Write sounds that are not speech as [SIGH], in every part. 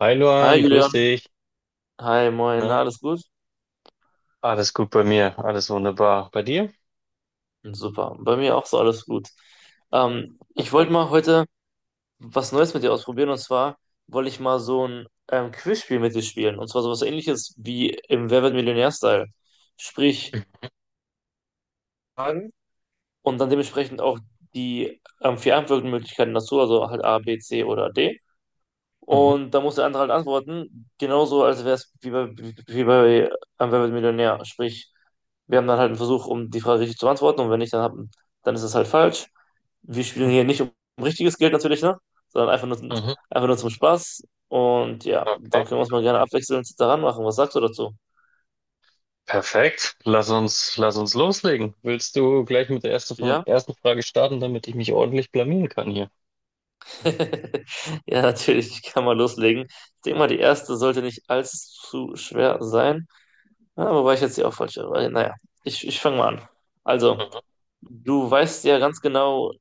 Hi Hi Luan, grüß Julian, dich. hi moin, na, Na? alles gut? Alles gut bei mir, alles wunderbar. Bei dir? Super, bei mir auch so alles gut. Ich wollte Perfekt. mal heute was Neues mit dir ausprobieren, und zwar wollte ich mal so ein Quizspiel mit dir spielen, und zwar sowas Ähnliches wie im Wer wird Millionär-Style. Sprich, Fragen, und dann dementsprechend auch die vier Antwortmöglichkeiten dazu, also halt A, B, C oder D. Mhm. Und da muss der andere halt antworten, genauso als wäre es wie bei Wer wird Millionär. Sprich, wir haben dann halt einen Versuch, um die Frage richtig zu beantworten, und wenn nicht, dann ist es halt falsch. Wir spielen hier nicht um richtiges Geld natürlich, ne? Sondern einfach nur, Mhm. einfach nur zum Spaß. Und ja, dann Okay. können wir uns mal gerne abwechselnd daran machen. Was sagst du dazu? Perfekt. Lass uns loslegen. Willst du gleich mit der ersten, von, Ja? ersten Frage starten, damit ich mich ordentlich blamieren kann hier? [LAUGHS] Ja, natürlich, ich kann mal loslegen. Ich denke mal, die erste sollte nicht allzu schwer sein. Ja, aber war ich jetzt hier auch falsch. Aber naja, ich fange mal an. Also, Mhm. du weißt ja ganz genau,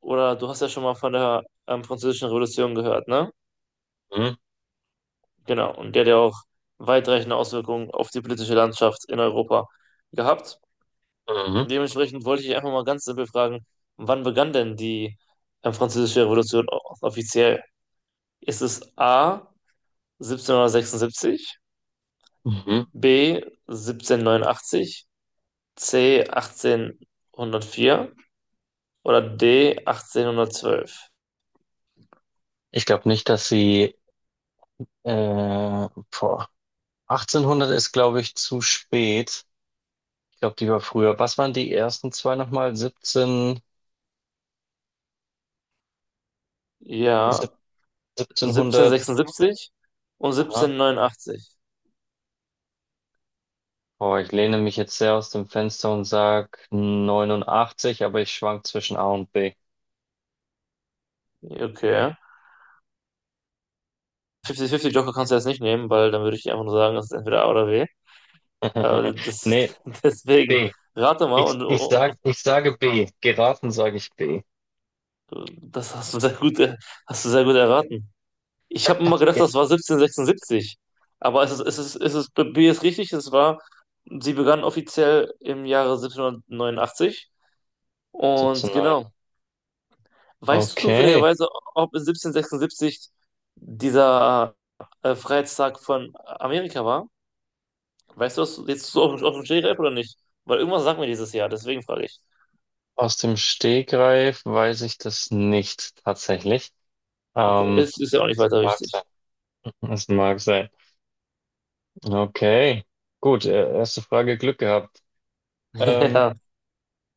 oder du hast ja schon mal von der Französischen Revolution gehört, ne? Mhm. Genau. Und der hat ja auch weitreichende Auswirkungen auf die politische Landschaft in Europa gehabt. Mhm. Dementsprechend wollte ich einfach mal ganz simpel fragen, wann begann denn die Französische Revolution offiziell? Ist es A 1776, Mhm. B 1789, C 1804 oder D, 1812? Ich glaube nicht, dass sie äh, boah. 1800 ist, glaube ich, zu spät. Ich glaube, die war früher. Was waren die ersten zwei nochmal? 17, sieb- Ja, 1700. 1776 und 1789. Boah, ich lehne mich jetzt sehr aus dem Fenster und sag 89, aber ich schwank zwischen A und B. Okay. 50-50 Joker kannst du jetzt nicht nehmen, weil dann würde ich dir einfach nur sagen, das ist entweder A oder B. Äh, [LAUGHS] das, Nee, [LAUGHS] Deswegen B. rate mal, Ich, und, ich und, sag, und ich sage B. Geraten sage ich B. das hast du sehr gut, hast du sehr gut erraten. Ich habe immer gedacht, Yes. das war 1776. Aber es ist, B ist richtig, sie begann offiziell im Jahre 1789. Und 17, 9. genau. Weißt du Okay. zufälligerweise, ob in 1776 dieser Freiheitstag von Amerika war? Weißt du das jetzt so auf dem Stegreif oder nicht? Weil irgendwas sagt mir dieses Jahr, deswegen frage ich. Aus dem Stegreif weiß ich das nicht tatsächlich. Okay, Ähm, ist ja auch nicht Es weiter mag wichtig. sein. [LAUGHS] Es mag sein. Okay. Gut, erste Frage Glück gehabt. [LAUGHS] Ähm, Ja,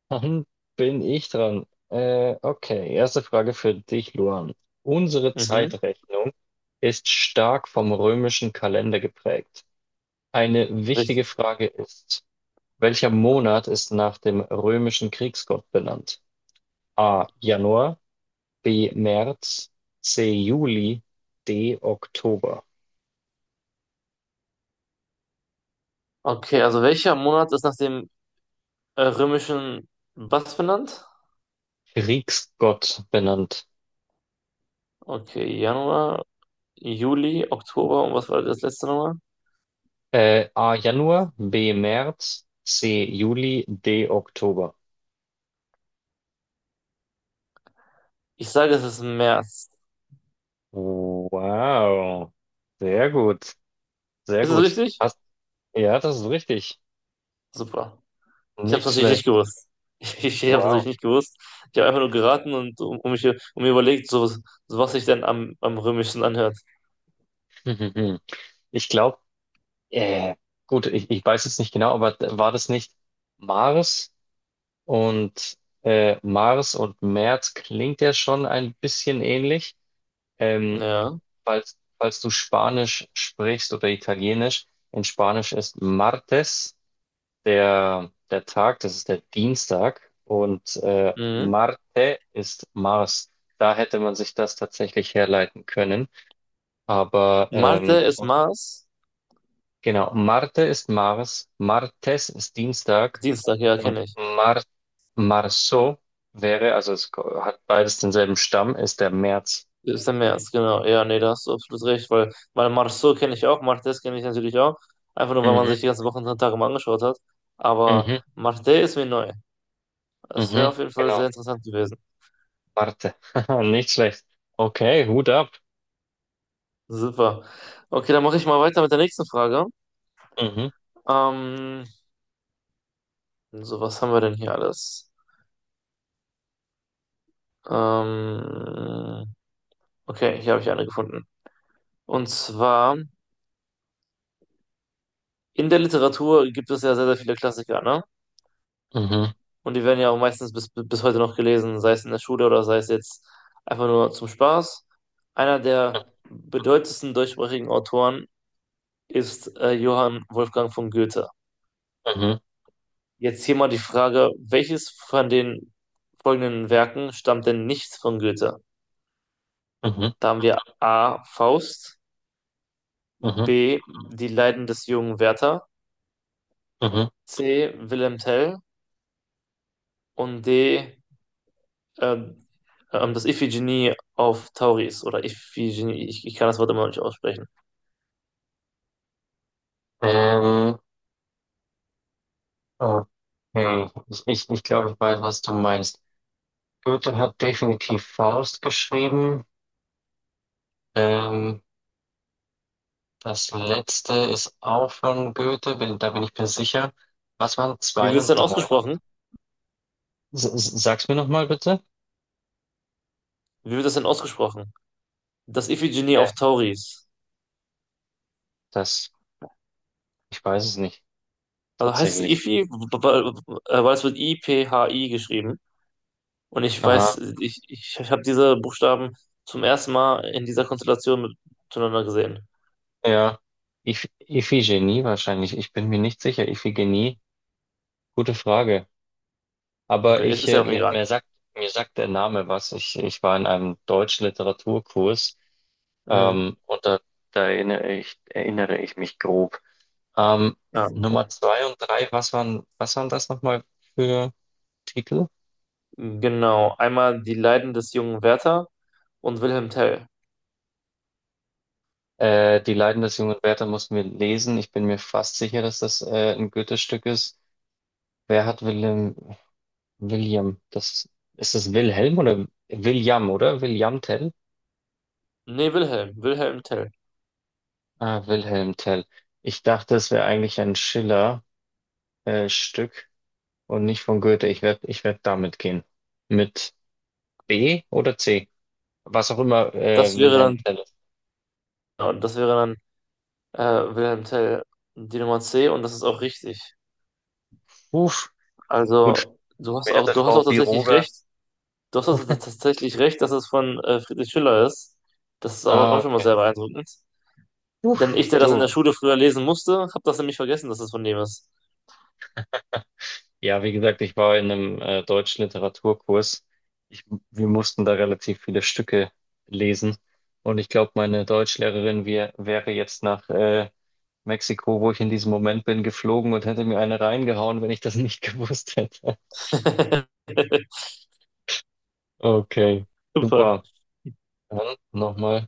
Dann bin ich dran. Okay, erste Frage für dich, Luan. Unsere mhm, Zeitrechnung ist stark vom römischen Kalender geprägt. Eine wichtige richtig. Frage ist, welcher Monat ist nach dem römischen Kriegsgott benannt? A. Januar, B. März, C. Juli, D. Oktober. Okay, also welcher Monat ist nach dem römischen was benannt? Kriegsgott benannt. Okay, Januar, Juli, Oktober und was war das letzte nochmal? A. Januar, B. März, C. Juli, D. Oktober. Ich sage, es ist März. Wow. Sehr gut. Sehr Ist es gut. richtig? Ja, das ist richtig. Super. Ich habe es Nicht natürlich nicht schlecht. gewusst. [LAUGHS] Ich habe es natürlich Wow. nicht gewusst. Ich habe einfach nur geraten und um, um mich um mir überlegt, so was sich denn am römischsten anhört. [LAUGHS] Ich glaube, äh, gut, ich weiß jetzt nicht genau, aber war das nicht Mars und Mars und März klingt ja schon ein bisschen ähnlich. Ähm, Ja. falls du Spanisch sprichst oder Italienisch, in Spanisch ist Martes. Der Tag, das ist der Dienstag und Mhm. Marte ist Mars. Da hätte man sich das tatsächlich herleiten können. Marte ist Und Mars. genau, Marte ist Mars, Martes ist Dienstag Dienstag, ja, und kenne ich. Marso wäre, also es hat beides denselben Stamm, ist der März. Ist der März, genau. Ja, nee, da hast du absolut recht, weil Marceau kenne ich auch, Martes kenne ich natürlich auch. Einfach nur, weil man Mhm. sich die ganzen Wochen und Tage mal angeschaut hat. Aber Mhm. Marte ist mir neu. Das wäre Mhm. auf jeden Fall sehr Genau, interessant gewesen. Marte. [LAUGHS] Nicht schlecht. Okay, Hut ab. Super. Okay, dann mache ich mal weiter mit der nächsten Frage. Mhm. Ähm, so, was haben wir denn hier alles? Ähm, okay, hier habe ich eine gefunden. Und zwar, in der Literatur gibt es ja sehr, sehr viele Klassiker, ne? Mhm. Und die werden ja auch meistens bis heute noch gelesen, sei es in der Schule oder sei es jetzt einfach nur zum Spaß. Einer der bedeutendsten deutschsprachigen Autoren ist Johann Wolfgang von Goethe. Mhm. Jetzt hier mal die Frage, welches von den folgenden Werken stammt denn nicht von Goethe? Mhm. Mhm. Da haben wir A. Faust, Mhm. B. Die Leiden des jungen Werther, Mhm. C. Wilhelm Tell und D. ähm, das Iphigenie auf Tauris oder Iphigenie, ich kann das Wort immer noch nicht aussprechen. Ähm, okay. Ich glaube, ich weiß, was du meinst. Goethe hat definitiv Faust geschrieben. Ähm, Das letzte ist auch von Goethe, da bin ich mir sicher. Was waren Wie zwei wird es und denn drei? ausgesprochen? Sag's mir nochmal bitte. Wie wird das denn ausgesprochen? Das Iphigenie Äh, auf Tauris. das, Ich weiß es nicht, Also heißt es tatsächlich. Iphi, weil es wird I-P-H-I geschrieben. Und ich Aha, weiß, ich habe diese Buchstaben zum ersten Mal in dieser Konstellation miteinander gesehen. ja. Iphigenie wahrscheinlich. Ich bin mir nicht sicher. Iphigenie, gute Frage. Aber Okay, ist, ist ja auch mir, egal. mir sagt, mir sagt der Name was. Ich war in einem deutschen Literaturkurs, Mhm. Und da erinnere ich mich grob. Ähm, Ja, okay. Nummer zwei und drei, was waren das nochmal für Titel? Genau. Einmal die Leiden des jungen Werther und Wilhelm Tell. Die Leiden des jungen Werther mussten wir lesen. Ich bin mir fast sicher, dass das ein Goethe-Stück ist. Wer hat Willem, William? Ist das Wilhelm oder? William Tell? Nee, Wilhelm, Wilhelm Tell. Ah, Wilhelm Tell. Ich dachte, es wäre eigentlich ein Schiller, Stück und nicht von Goethe. Ich werd damit gehen. Mit B oder C? Was auch immer, Das wäre Wilhelm dann, Tell ist. ja, das wäre dann Wilhelm Tell, die Nummer C, und das ist auch richtig. Uff, gut, Also, mir hätte du hast Frau auch tatsächlich Biroger. recht, du hast auch tatsächlich recht, dass es von Friedrich Schiller ist. Das ist auch, Ah, auch schon mal okay. sehr beeindruckend. Denn Uff, ich, der das in der so. Schule früher lesen musste, habe das nämlich vergessen, dass es von dem ist. Ja, wie gesagt, ich war in einem deutschen Literaturkurs. Ich, wir mussten da relativ viele Stücke lesen. Und ich glaube, meine Deutschlehrerin wäre jetzt nach Mexiko, wo ich in diesem Moment bin, geflogen und hätte mir eine reingehauen, wenn ich das nicht [LAUGHS] gewusst hätte. [LAUGHS] Okay, Super. super. Dann nochmal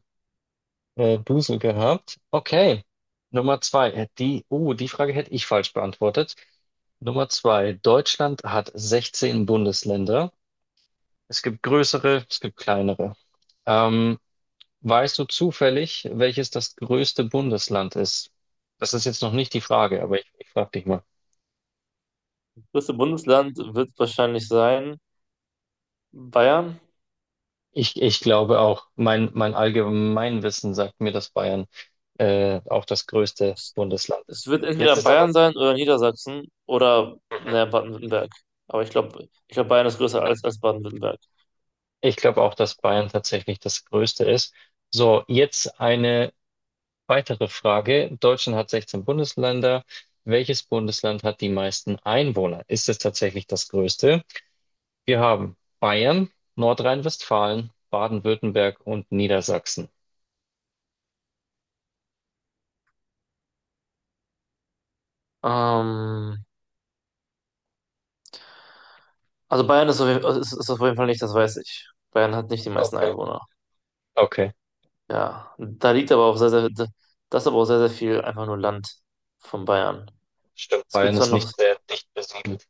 Busen gehabt. Okay. Nummer zwei. Die Frage hätte ich falsch beantwortet. Nummer zwei. Deutschland hat 16 Bundesländer. Es gibt größere, es gibt kleinere. Ähm, weißt du zufällig, welches das größte Bundesland ist? Das ist jetzt noch nicht die Frage, aber ich frage dich mal. Das größte Bundesland wird wahrscheinlich sein Bayern. Ich glaube auch, mein Allgemeinwissen sagt mir, dass Bayern auch das größte Bundesland ist. Es wird Jetzt entweder ist aber. Bayern sein oder Niedersachsen oder Mhm. ne, Baden-Württemberg. Aber ich glaube, Bayern ist größer als Baden-Württemberg. Ich glaube auch, dass Bayern tatsächlich das Größte ist. So, jetzt eine weitere Frage. Deutschland hat 16 Bundesländer. Welches Bundesland hat die meisten Einwohner? Ist es tatsächlich das Größte? Wir haben Bayern, Nordrhein-Westfalen, Baden-Württemberg und Niedersachsen. Ähm, also Bayern ist auf jeden Fall nicht, das weiß ich. Bayern hat nicht die meisten Okay. Einwohner. Okay, Ja, da liegt aber auch sehr, sehr, das ist aber auch sehr, sehr viel einfach nur Land von Bayern. stimmt. Es gibt Bayern zwar ist noch, nicht sehr dicht besiedelt.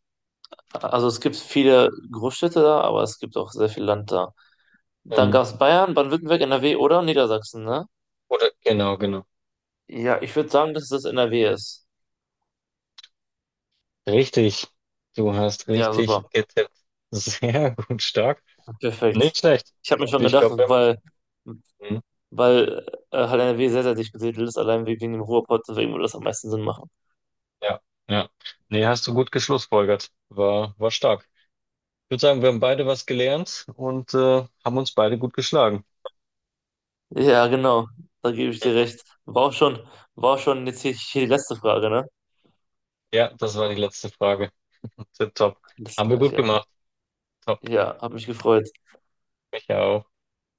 also es gibt viele Großstädte da, aber es gibt auch sehr viel Land da. Dann Mhm. gab es Bayern, Baden-Württemberg, NRW oder Niedersachsen, ne? Oder genau, genau. Ja, ich würde sagen, dass das NRW ist. Richtig. Du hast Ja, richtig super. getippt. [LAUGHS] Sehr gut, stark. Perfekt. Nicht schlecht. Ich habe mir schon Ich gedacht, glaube, wir haben. weil, Mhm. weil äh, halt NRW sehr, sehr dicht besiedelt ist, allein wegen dem Ruhrpott, deswegen würde das am meisten Sinn machen. Ja, ja. Nee, hast du gut geschlussfolgert. War stark. Ich würde sagen, wir haben beide was gelernt und haben uns beide gut geschlagen. Ja, genau, da gebe ich dir recht. War auch schon jetzt hier die letzte Frage, ne? Ja, das war die letzte Frage. Tipptopp. Das Haben wir gut Gleiche. gemacht. Top. Ja, hat mich gefreut. Ich auch.